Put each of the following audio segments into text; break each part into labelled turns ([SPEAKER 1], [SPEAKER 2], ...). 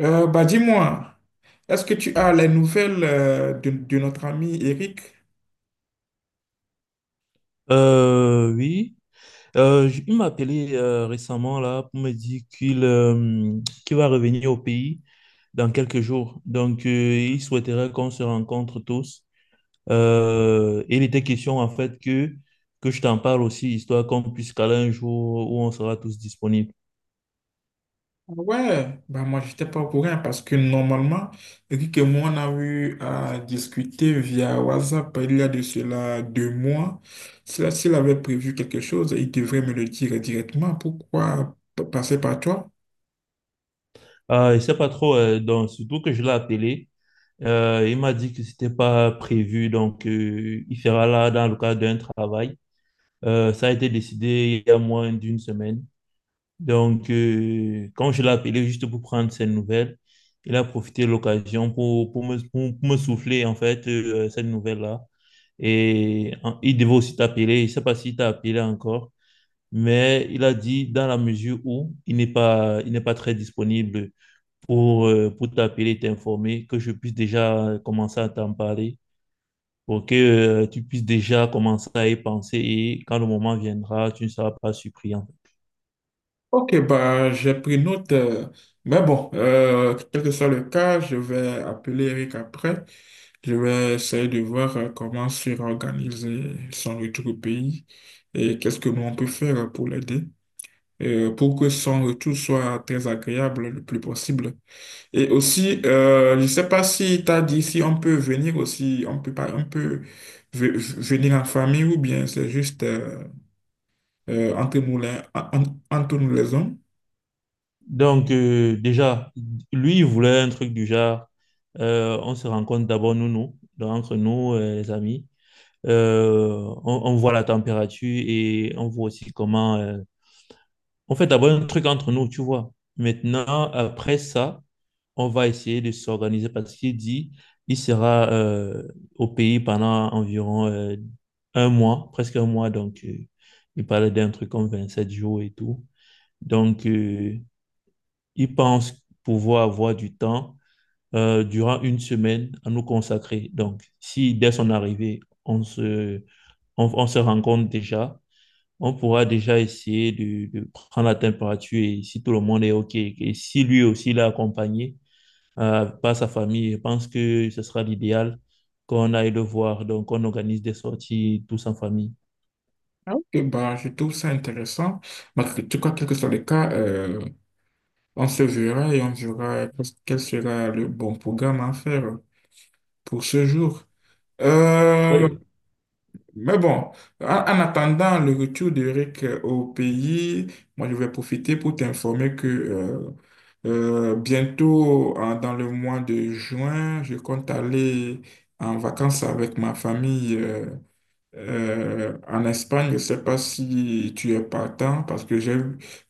[SPEAKER 1] Bah dis-moi, est-ce que tu as les nouvelles de notre ami Eric?
[SPEAKER 2] Oui. Il m'a appelé récemment là pour me dire qu'il va revenir au pays dans quelques jours. Donc, il souhaiterait qu'on se rencontre tous. Et il était question en fait que je t'en parle aussi, histoire qu'on puisse caler un jour où on sera tous disponibles.
[SPEAKER 1] Ah, ouais, bah moi j'étais pas au courant parce que normalement, Eric et moi on a eu à discuter via WhatsApp il y a de cela 2 mois. S'il avait prévu quelque chose, il devrait me le dire directement. Pourquoi passer par toi?
[SPEAKER 2] Ah, je sais pas trop, donc, surtout que je l'ai appelé. Il m'a dit que c'était pas prévu, donc il sera là dans le cadre d'un travail. Ça a été décidé il y a moins d'une semaine. Donc, quand je l'ai appelé juste pour prendre ses nouvelles, il a profité de l'occasion pour me souffler, en fait, cette nouvelle-là. Et en- il devait aussi t'appeler. Je ne sais pas s'il t'a appelé encore, mais il a dit, dans la mesure où il n'est pas très disponible pour t'appeler et t'informer, que je puisse déjà commencer à t'en parler, pour que, tu puisses déjà commencer à y penser. Et quand le moment viendra, tu ne seras pas surpris, en.
[SPEAKER 1] Ok, bah j'ai pris note. Mais bon, quel que soit le cas, je vais appeler Eric après. Je vais essayer de voir comment se réorganiser son retour au pays et qu'est-ce que nous on peut faire pour l'aider, pour que son retour soit très agréable le plus possible. Et aussi, je ne sais pas si tu as dit si on peut venir aussi, on peut pas, on peut ve- venir en famille ou bien c'est juste entre moulins, entre nous les hommes.
[SPEAKER 2] Donc, déjà, lui, il voulait un truc du genre, on se rencontre d'abord nous, nous, donc entre nous, les amis. Euh, on voit la température et on voit aussi comment. On fait d'abord un truc entre nous, tu vois. Maintenant, après ça, on va essayer de s'organiser parce qu'il dit, il sera au pays pendant environ un mois, presque un mois. Donc, il parlait d'un truc comme 27 jours et tout. Donc, ils pensent pouvoir avoir du temps durant une semaine à nous consacrer. Donc, si dès son arrivée, on se rencontre déjà, on pourra déjà essayer de prendre la température et si tout le monde est OK, et si lui aussi l'a accompagné par sa famille, je pense que ce sera l'idéal qu'on aille le voir. Donc, on organise des sorties tous en famille.
[SPEAKER 1] Et bah, je trouve ça intéressant. Mais tu crois, quel que soit le cas, on se verra et on verra quel sera le bon programme à faire pour ce jour. Euh,
[SPEAKER 2] Oui,
[SPEAKER 1] mais bon, en attendant le retour d'Eric, au pays, moi je vais profiter pour t'informer que bientôt, dans le mois de juin, je compte aller en vacances avec ma famille, en Espagne. Je ne sais pas si tu es partant parce que j'ai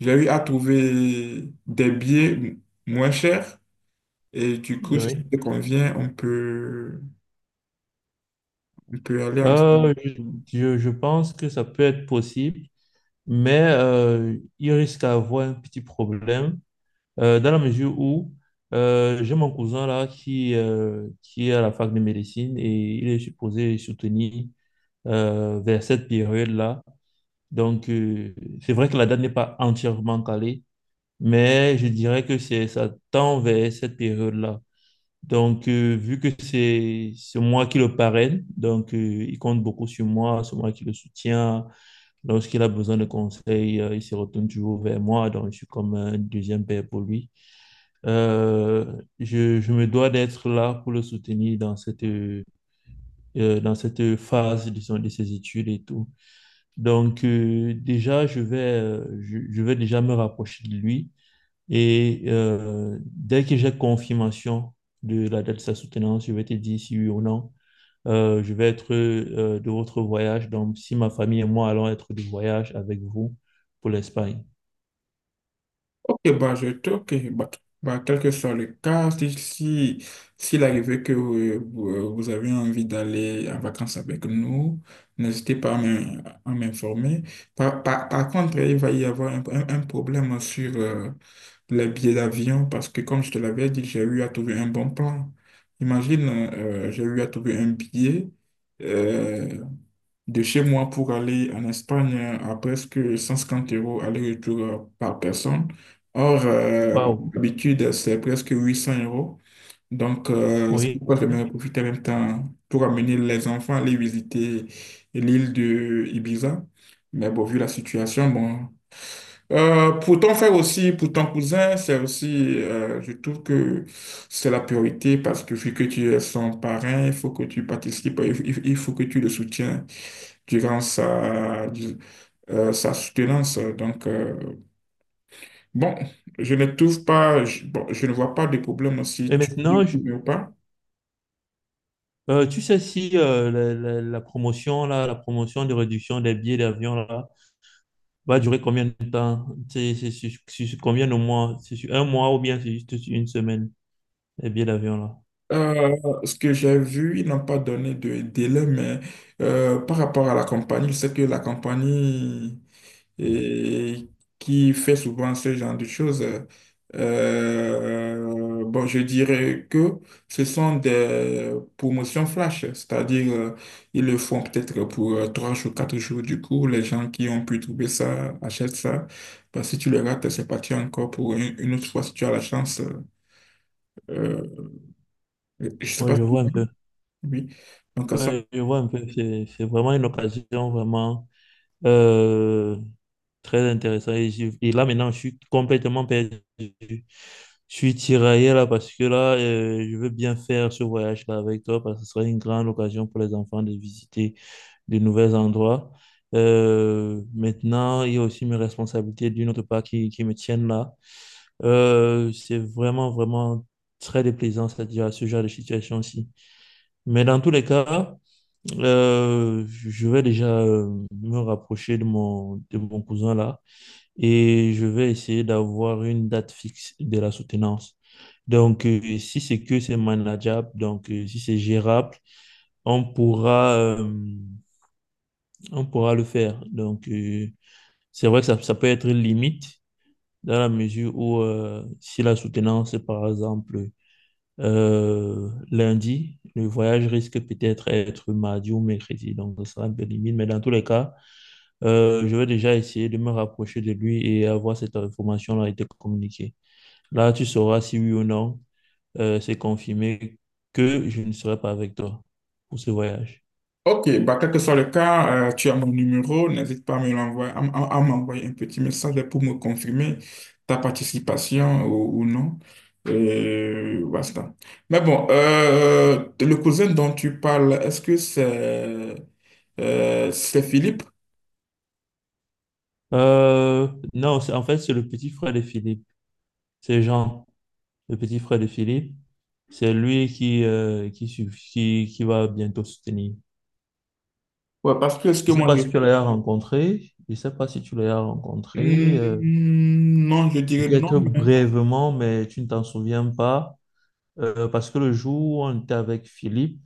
[SPEAKER 1] j'ai eu à trouver des billets moins chers et du coup, si ça
[SPEAKER 2] oui.
[SPEAKER 1] te convient, on peut aller ensemble.
[SPEAKER 2] Euh, je, je pense que ça peut être possible. Mais il risque d'avoir un petit problème dans la mesure où j'ai mon cousin là qui est à la fac de médecine et il est supposé soutenir vers cette période-là. Donc, c'est vrai que la date n'est pas entièrement calée, mais je dirais que ça tend vers cette période-là. Donc, vu que c'est moi qui le parraine, donc il compte beaucoup sur moi, c'est moi qui le soutiens. Lorsqu'il a besoin de conseils, il se retourne toujours vers moi, donc je suis comme un deuxième père pour lui. Je me dois d'être là pour le soutenir dans cette dans cette phase disons, de ses études et tout. Donc déjà, je vais déjà me rapprocher de lui et dès que j'ai confirmation de la date de sa soutenance, je vais te dire si oui ou non. Je vais être de votre voyage. Donc, si ma famille et moi allons être de voyage avec vous pour l'Espagne.
[SPEAKER 1] Et bah, je trouve que, bah, bah, quel que soit le cas, si, si, s'il arrivait que vous, vous avez envie d'aller en vacances avec nous, n'hésitez pas à à m'informer. Par contre, il va y avoir un problème sur les billets d'avion parce que, comme je te l'avais dit, j'ai eu à trouver un bon plan. Imagine, j'ai eu à trouver un billet, euh, de chez moi pour aller en Espagne à presque 150 € aller-retour, par personne. Or,
[SPEAKER 2] Waouh,
[SPEAKER 1] d'habitude, c'est presque 800 euros. Donc, c'est
[SPEAKER 2] oui.
[SPEAKER 1] pourquoi je j'aimerais profiter en même temps pour amener les enfants à aller visiter l'île de Ibiza. Mais bon, vu la situation, bon. Pour ton frère aussi, pour ton cousin, c'est aussi, je trouve que c'est la priorité parce que vu que tu es son parrain, il faut que tu participes, il faut que tu le soutiens durant sa, sa soutenance. Donc, bon, je ne trouve pas, je, bon, je ne vois pas de problème si
[SPEAKER 2] Et
[SPEAKER 1] tu dis
[SPEAKER 2] maintenant,
[SPEAKER 1] oui ou pas.
[SPEAKER 2] tu sais si la promotion là, la promotion de réduction des billets d'avion là, va durer combien de temps? C'est sur combien de mois? C'est sur un mois ou bien c'est juste sur une semaine, les billets d'avion là?
[SPEAKER 1] Euh, Ce que j'ai vu, ils n'ont pas donné de délai, mais par rapport à la compagnie, je sais que la compagnie et qui fait souvent ce genre de choses. Bon, je dirais que ce sont des promotions flash, c'est-à-dire ils le font peut-être pour 3 jours, 4 jours. Du coup, les gens qui ont pu trouver ça achètent ça. Bah, si tu le rates, c'est parti encore pour une autre fois si tu as la chance. Euh, je sais
[SPEAKER 2] Oui,
[SPEAKER 1] pas.
[SPEAKER 2] je vois un peu.
[SPEAKER 1] Oui, donc ça.
[SPEAKER 2] Ouais, je vois un peu, c'est vraiment une occasion vraiment euh, très intéressante. Et, et là, maintenant, je suis complètement perdu. Je suis tiraillé là parce que là, je veux bien faire ce voyage-là avec toi parce que ce serait une grande occasion pour les enfants de visiter de nouveaux endroits. Maintenant, il y a aussi mes responsabilités d'une autre part qui me tiennent là. C'est vraiment très déplaisant, c'est-à-dire à ce genre de situation-ci. Mais dans tous les cas, je vais déjà me rapprocher de mon cousin là et je vais essayer d'avoir une date fixe de la soutenance. Donc, si c'est que c'est manageable, donc si c'est gérable, on pourra, euh, on pourra le faire. Donc, c'est vrai que ça peut être limite dans la mesure où si la soutenance est par exemple lundi, le voyage risque peut-être être mardi ou mercredi. Donc, ça sera un peu limite, mais dans tous les cas, je vais déjà essayer de me rapprocher de lui et avoir cette information-là a été communiquée. Là, tu sauras si oui ou non, c'est confirmé que je ne serai pas avec toi pour ce voyage.
[SPEAKER 1] Ok, bah, quel que soit le cas, tu as mon numéro, n'hésite pas à me l'envoyer, à m'envoyer un petit message pour me confirmer ta participation ou non. Et basta. Mais bon, le cousin dont tu parles, est-ce que c'est Philippe?
[SPEAKER 2] Euh, non, en fait, c'est le petit frère de Philippe. C'est Jean, le petit frère de Philippe. C'est lui qui, qui va bientôt soutenir.
[SPEAKER 1] Ouais, parce que est-ce que
[SPEAKER 2] Je ne sais
[SPEAKER 1] moi
[SPEAKER 2] pas
[SPEAKER 1] je...
[SPEAKER 2] si tu l'as rencontré. Je ne sais pas si tu l'as rencontré.
[SPEAKER 1] Hmm, non, je dirais non.
[SPEAKER 2] Peut-être brièvement, mais tu ne t'en souviens pas. Parce que le jour où on était avec Philippe,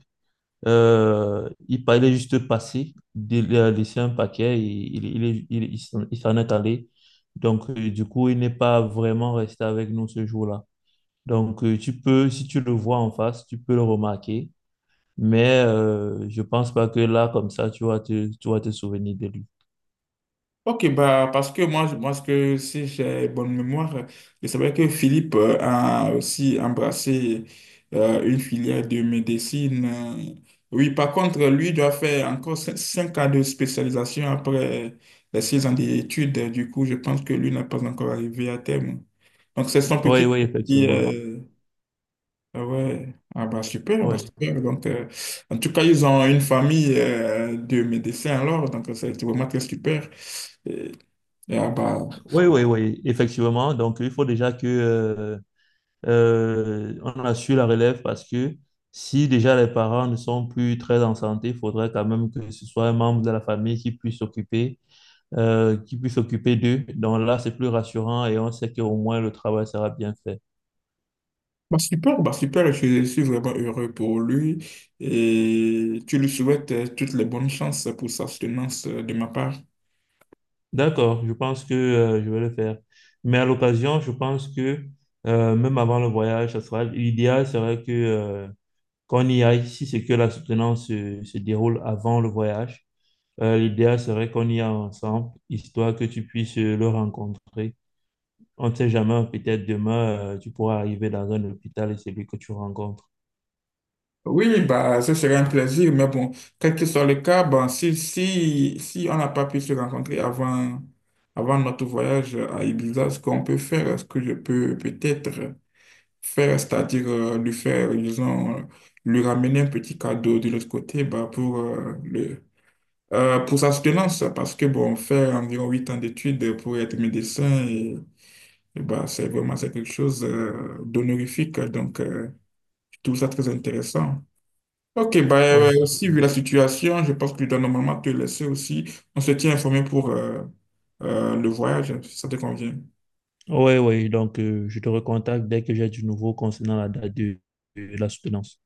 [SPEAKER 2] il juste passé, il a laissé un paquet et il, est- il s'en est allé. Donc, du coup, il n'est pas vraiment resté avec nous ce jour-là. Donc, tu peux, si tu le vois en face, tu peux le remarquer. Mais je pense pas que là, comme ça, tu vas te souvenir de lui.
[SPEAKER 1] Ok, bah, parce que moi, moi, ce que si j'ai bonne mémoire, je savais que Philippe a aussi embrassé une filière de médecine. Oui, par contre, lui doit faire encore 5 ans de spécialisation après les 6 ans d'études. Du coup, je pense que lui n'est pas encore arrivé à terme. Donc, c'est son
[SPEAKER 2] Oui,
[SPEAKER 1] petit
[SPEAKER 2] oui,
[SPEAKER 1] qui
[SPEAKER 2] effectivement.
[SPEAKER 1] est... Ah ouais, ah bah super, bah
[SPEAKER 2] Oui,
[SPEAKER 1] super. Donc, en tout cas, ils ont une famille, de médecins alors, donc c'est vraiment très super. Ah, bah,
[SPEAKER 2] oui, oui, oui, effectivement. Donc, il faut déjà que on assure la relève parce que si déjà les parents ne sont plus très en santé, il faudrait quand même que ce soit un membre de la famille qui puisse s'occuper d'eux. Donc là, c'est plus rassurant et on sait qu'au moins le travail sera bien fait.
[SPEAKER 1] bah, super, je suis vraiment heureux pour lui et tu lui souhaites toutes les bonnes chances pour sa soutenance, de ma part.
[SPEAKER 2] D'accord, je pense que je vais le faire. Mais à l'occasion, je pense que même avant le voyage, ça sera, l'idéal serait que qu'on y aille si c'est que la soutenance se déroule avant le voyage. L'idéal serait qu'on y aille ensemble, histoire que tu puisses le rencontrer. On ne sait jamais, peut-être demain, tu pourras arriver dans un hôpital et c'est lui que tu rencontres.
[SPEAKER 1] Oui, oui, bah, ce serait un plaisir, mais bon, quel que soit le cas, bah, si on n'a pas pu se rencontrer avant, avant notre voyage à Ibiza, ce qu'on peut faire, ce que je peux peut-être faire, c'est-à-dire lui faire, disons, lui ramener un petit cadeau de l'autre côté bah, pour le pour sa soutenance, parce que bon, faire environ 8 ans d'études pour être médecin, et bah, c'est vraiment c'est quelque chose, d'honorifique. Donc, je trouve ça très intéressant. Ok, bah,
[SPEAKER 2] Oui.
[SPEAKER 1] aussi, vu la situation, je pense que je dois normalement te laisser aussi. On se tient informé pour le voyage, si ça te convient.
[SPEAKER 2] Oui, oui, donc je te recontacte dès que j'ai du nouveau concernant la date de la soutenance.